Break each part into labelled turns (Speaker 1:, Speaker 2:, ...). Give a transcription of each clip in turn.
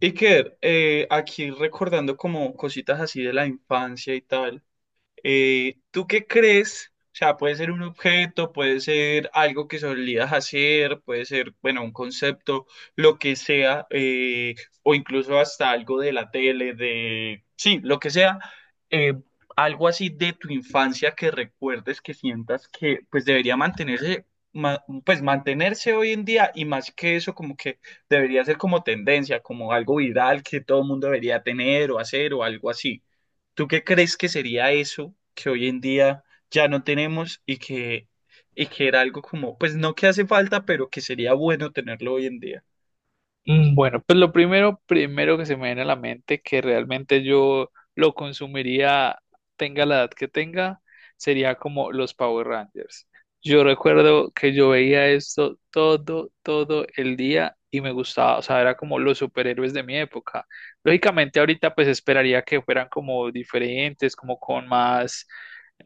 Speaker 1: Iker, aquí recordando como cositas así de la infancia y tal, ¿tú qué crees? O sea, puede ser un objeto, puede ser algo que solías hacer, puede ser, bueno, un concepto, lo que sea, o incluso hasta algo de la tele, de, sí, lo que sea, eh, algo así de tu infancia que recuerdes, que sientas que pues debería mantenerse, pues mantenerse hoy en día y más que eso, como que debería ser como tendencia, como algo viral que todo el mundo debería tener o hacer o algo así. ¿Tú qué crees que sería eso que hoy en día ya no tenemos y que era algo como, pues no que hace falta, pero que sería bueno tenerlo hoy en día?
Speaker 2: Bueno, pues lo primero, primero que se me viene a la mente que realmente yo lo consumiría, tenga la edad que tenga, sería como los Power Rangers. Yo recuerdo que yo veía esto todo, todo el día y me gustaba, o sea, era como los superhéroes de mi época. Lógicamente ahorita pues esperaría que fueran como diferentes, como con más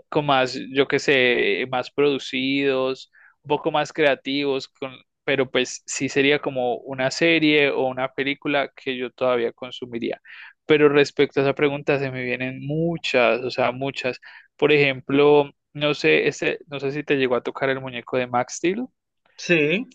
Speaker 2: yo qué sé, más producidos, un poco más creativos, con, pero pues sí sería como una serie o una película que yo todavía consumiría. Pero respecto a esa pregunta, se me vienen muchas, o sea, muchas. Por ejemplo, no sé, este, no sé si te llegó a tocar el muñeco de Max Steel,
Speaker 1: Sí,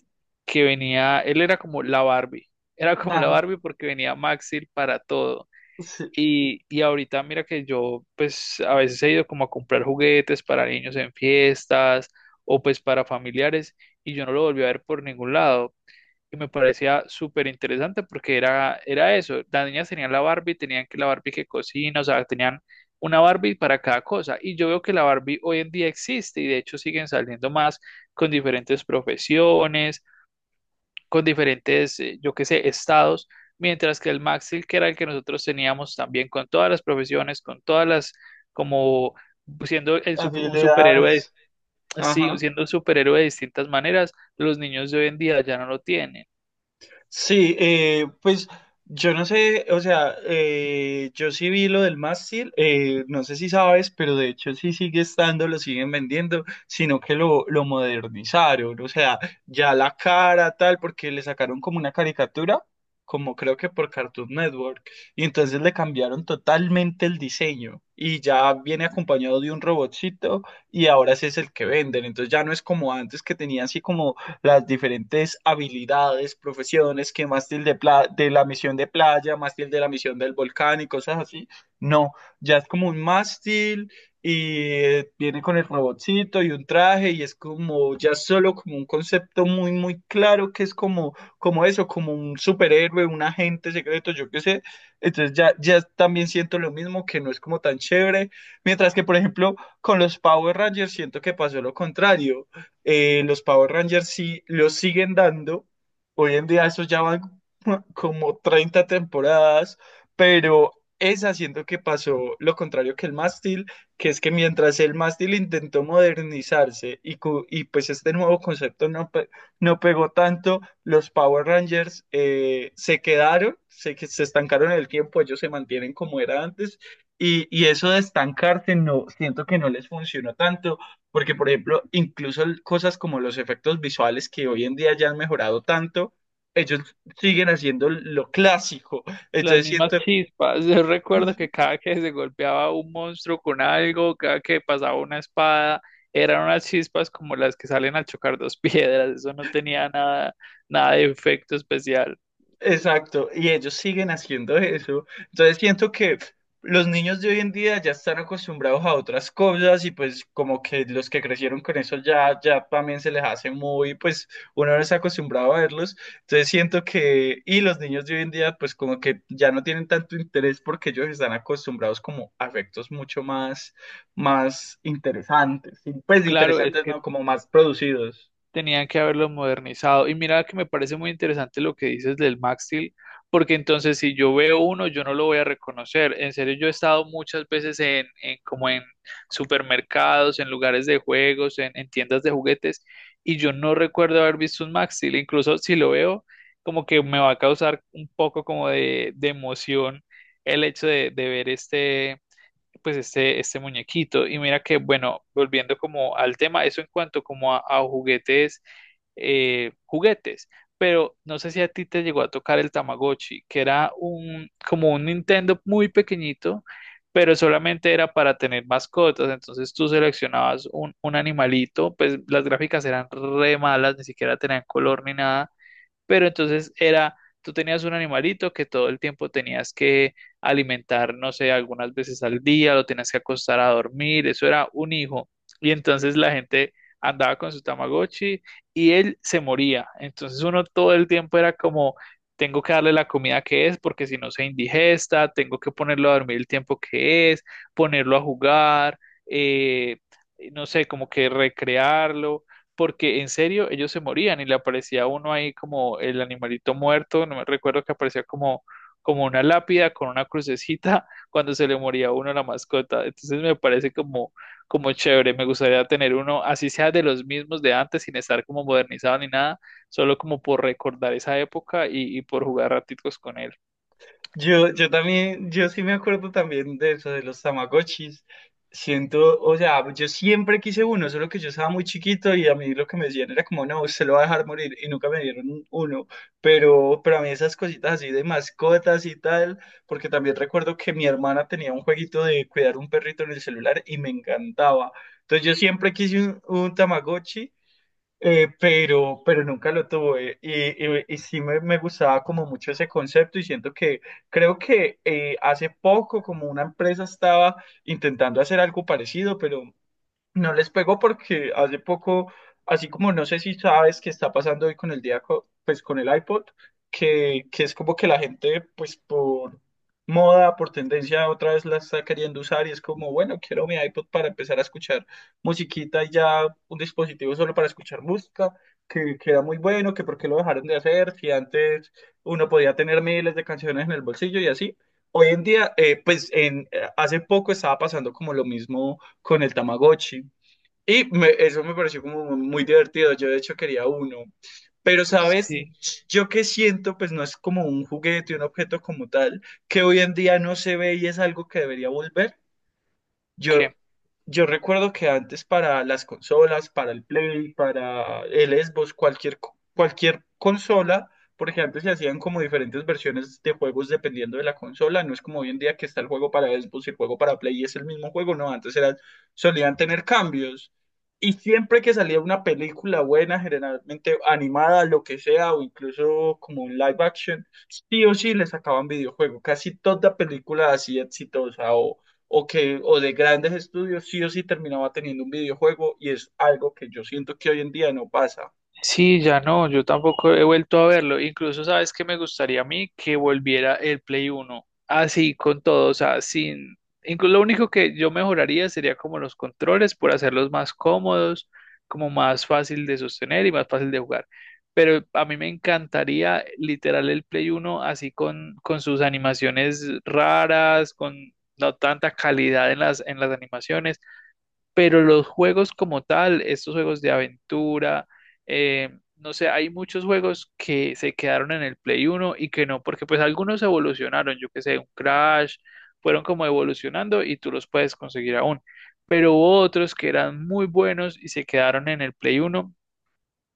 Speaker 2: que venía, él era como la Barbie, era como la
Speaker 1: ajá,
Speaker 2: Barbie porque venía Max Steel para todo.
Speaker 1: sí,
Speaker 2: Y ahorita mira que yo pues a veces he ido como a comprar juguetes para niños en fiestas o pues para familiares y yo no lo volví a ver por ningún lado. Y me parecía súper interesante porque era, era eso. Las niñas tenían la Barbie, tenían que la Barbie que cocina, o sea, tenían una Barbie para cada cosa. Y yo veo que la Barbie hoy en día existe y de hecho siguen saliendo más con diferentes profesiones con diferentes, yo qué sé, estados, mientras que el Maxil, que era el que nosotros teníamos también con todas las profesiones, con todas las, como un superhéroe,
Speaker 1: habilidades,
Speaker 2: sí,
Speaker 1: ajá.
Speaker 2: siendo un superhéroe de distintas maneras, los niños de hoy en día ya no lo tienen.
Speaker 1: Sí, pues yo no sé, o sea, yo sí vi lo del mástil, no sé si sabes, pero de hecho sí sigue estando, lo siguen vendiendo, sino que lo modernizaron, o sea, ya la cara tal, porque le sacaron como una caricatura, como creo que por Cartoon Network, y entonces le cambiaron totalmente el diseño, y ya viene acompañado de un robotcito, y ahora ese es el que venden, entonces ya no es como antes que tenía así como las diferentes habilidades, profesiones que mástil de, de la misión de playa, mástil de la misión del volcán y cosas así. No, ya es como un mástil y viene con el robotcito y un traje y es como ya solo como un concepto muy, muy claro que es como, como eso, como un superhéroe, un agente secreto, yo qué sé. Entonces ya también siento lo mismo, que no es como tan chévere. Mientras que, por ejemplo, con los Power Rangers siento que pasó lo contrario. Los Power Rangers sí los siguen dando. Hoy en día esos ya van como 30 temporadas, pero es haciendo que pasó lo contrario que el mástil, que es que mientras el mástil intentó modernizarse y pues este nuevo concepto no, no pegó tanto, los Power Rangers se quedaron, se, se estancaron en el tiempo, ellos se mantienen como era antes. Y eso de estancarse no, siento que no les funcionó tanto porque, por ejemplo, incluso cosas como los efectos visuales que hoy en día ya han mejorado tanto, ellos siguen haciendo lo clásico.
Speaker 2: Las
Speaker 1: Entonces
Speaker 2: mismas
Speaker 1: siento,
Speaker 2: chispas. Yo recuerdo que cada que se golpeaba un monstruo con algo, cada que pasaba una espada, eran unas chispas como las que salen al chocar dos piedras. Eso no tenía nada, nada de efecto especial.
Speaker 1: exacto, y ellos siguen haciendo eso. Entonces siento que los niños de hoy en día ya están acostumbrados a otras cosas y pues como que los que crecieron con eso ya también se les hace muy, pues uno no está acostumbrado a verlos. Entonces siento que, y los niños de hoy en día pues como que ya no tienen tanto interés porque ellos están acostumbrados como a efectos mucho más, más interesantes, y, pues
Speaker 2: Claro, es
Speaker 1: interesantes
Speaker 2: que
Speaker 1: no, como más producidos.
Speaker 2: tenían que haberlo modernizado. Y mira que me parece muy interesante lo que dices del Max porque entonces si yo veo uno, yo no lo voy a reconocer. En serio, yo he estado muchas veces en como en supermercados, en lugares de juegos, en tiendas de juguetes, y yo no recuerdo haber visto un Max. Incluso si lo veo, como que me va a causar un poco como de emoción el hecho de ver este pues este muñequito. Y mira que, bueno, volviendo como al tema, eso en cuanto como a juguetes, juguetes. Pero no sé si a ti te llegó a tocar el Tamagotchi, que era como un Nintendo muy pequeñito, pero solamente era para tener mascotas. Entonces tú seleccionabas un animalito, pues las gráficas eran re malas, ni siquiera tenían color ni nada, pero entonces era, tú tenías un animalito que todo el tiempo tenías que alimentar, no sé, algunas veces al día, lo tenías que acostar a dormir, eso era un hijo. Y entonces la gente andaba con su Tamagotchi y él se moría. Entonces uno todo el tiempo era como, tengo que darle la comida que es porque si no se indigesta, tengo que ponerlo a dormir el tiempo que es, ponerlo a jugar, eh, no sé, como que recrearlo porque en serio ellos se morían y le aparecía uno ahí como el animalito muerto, no me recuerdo que aparecía como, como una lápida con una crucecita cuando se le moría a uno la mascota. Entonces me parece como, como chévere, me gustaría tener uno, así sea de los mismos de antes, sin estar como modernizado ni nada, solo como por recordar esa época y por jugar ratitos con él.
Speaker 1: Yo también, yo sí me acuerdo también de eso, de los Tamagotchis. Siento, o sea, yo siempre quise uno, solo que yo estaba muy chiquito y a mí lo que me decían era como, no, usted lo va a dejar morir y nunca me dieron uno. Pero a mí esas cositas así de mascotas y tal, porque también recuerdo que mi hermana tenía un jueguito de cuidar un perrito en el celular y me encantaba. Entonces yo siempre quise un Tamagotchi. Pero nunca lo tuve y sí me gustaba como mucho ese concepto y siento que creo que hace poco como una empresa estaba intentando hacer algo parecido, pero no les pegó porque hace poco, así como no sé si sabes qué está pasando hoy con el día, pues con el iPod, que es como que la gente, pues por moda, por tendencia, otra vez la está queriendo usar y es como, bueno, quiero mi iPod para empezar a escuchar musiquita y ya un dispositivo solo para escuchar música, que era muy bueno, que por qué lo dejaron de hacer, si antes uno podía tener miles de canciones en el bolsillo y así. Hoy en día, pues hace poco estaba pasando como lo mismo con el Tamagotchi. Y eso me pareció como muy divertido. Yo de hecho quería uno. Pero, ¿sabes?
Speaker 2: Sí,
Speaker 1: Yo que siento, pues no es como un juguete, un objeto como tal, que hoy en día no se ve y es algo que debería volver. Yo,
Speaker 2: ¿qué?
Speaker 1: yo recuerdo que antes para las consolas, para el Play, para el Xbox, cualquier, cualquier consola, porque antes se hacían como diferentes versiones de juegos dependiendo de la consola, no es como hoy en día que está el juego para Xbox y el juego para Play y es el mismo juego, no, antes eran, solían tener cambios. Y siempre que salía una película buena, generalmente animada, lo que sea, o incluso como un live action, sí o sí le sacaban videojuego. Casi toda película así exitosa o que o de grandes estudios sí o sí terminaba teniendo un videojuego y es algo que yo siento que hoy en día no pasa.
Speaker 2: Sí, ya no, yo tampoco he vuelto a verlo. Incluso, ¿sabes qué me gustaría a mí? Que volviera el Play Uno. Así, con todo, o sea, sin... Incluso lo único que yo mejoraría sería como los controles por hacerlos más cómodos, como más fácil de sostener y más fácil de jugar. Pero a mí me encantaría literal el Play Uno así con sus animaciones raras, con no tanta calidad en las animaciones, pero los juegos como tal, estos juegos de aventura, eh, no sé, hay muchos juegos que se quedaron en el Play uno y que no, porque pues algunos evolucionaron, yo que sé, un Crash, fueron como evolucionando y tú los puedes conseguir aún. Pero hubo otros que eran muy buenos y se quedaron en el Play uno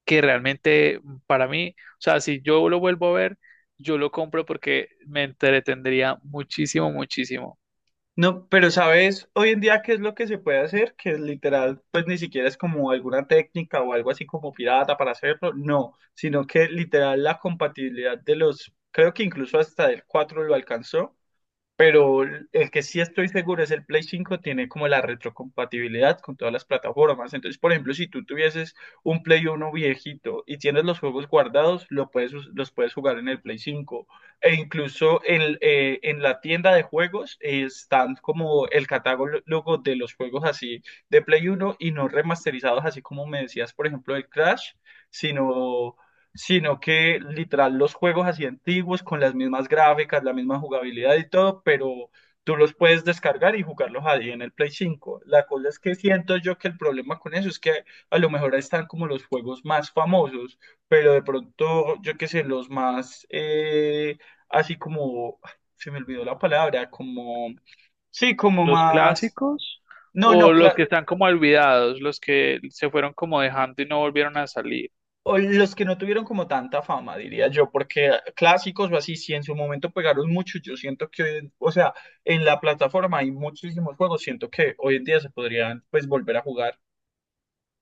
Speaker 2: que realmente para mí, o sea, si yo lo vuelvo a ver, yo lo compro porque me entretendría muchísimo, muchísimo.
Speaker 1: No, pero sabes, hoy en día qué es lo que se puede hacer, que literal, pues ni siquiera es como alguna técnica o algo así como pirata para hacerlo, no, sino que literal la compatibilidad de los, creo que incluso hasta el 4 lo alcanzó, pero el que sí estoy seguro es el Play 5 tiene como la retrocompatibilidad con todas las plataformas. Entonces, por ejemplo, si tú tuvieses un Play 1 viejito y tienes los juegos guardados, lo puedes, los puedes jugar en el Play 5. E incluso en la tienda de juegos están como el catálogo de los juegos así de Play 1 y no remasterizados, así como me decías, por ejemplo, el Crash, sino sino que literal los juegos así antiguos con las mismas gráficas, la misma jugabilidad y todo, pero tú los puedes descargar y jugarlos ahí en el Play 5. La cosa es que siento yo que el problema con eso es que a lo mejor ahí están como los juegos más famosos, pero de pronto, yo qué sé, los más así como, ay, se me olvidó la palabra, como, sí, como
Speaker 2: ¿Los
Speaker 1: más...
Speaker 2: clásicos
Speaker 1: No,
Speaker 2: o
Speaker 1: no,
Speaker 2: los
Speaker 1: claro,
Speaker 2: que están como olvidados, los que se fueron como dejando y no volvieron a salir?
Speaker 1: o los que no tuvieron como tanta fama, diría yo, porque clásicos o así, si en su momento pegaron mucho, yo siento que, o sea, en la plataforma hay muchísimos juegos, siento que hoy en día se podrían pues volver a jugar.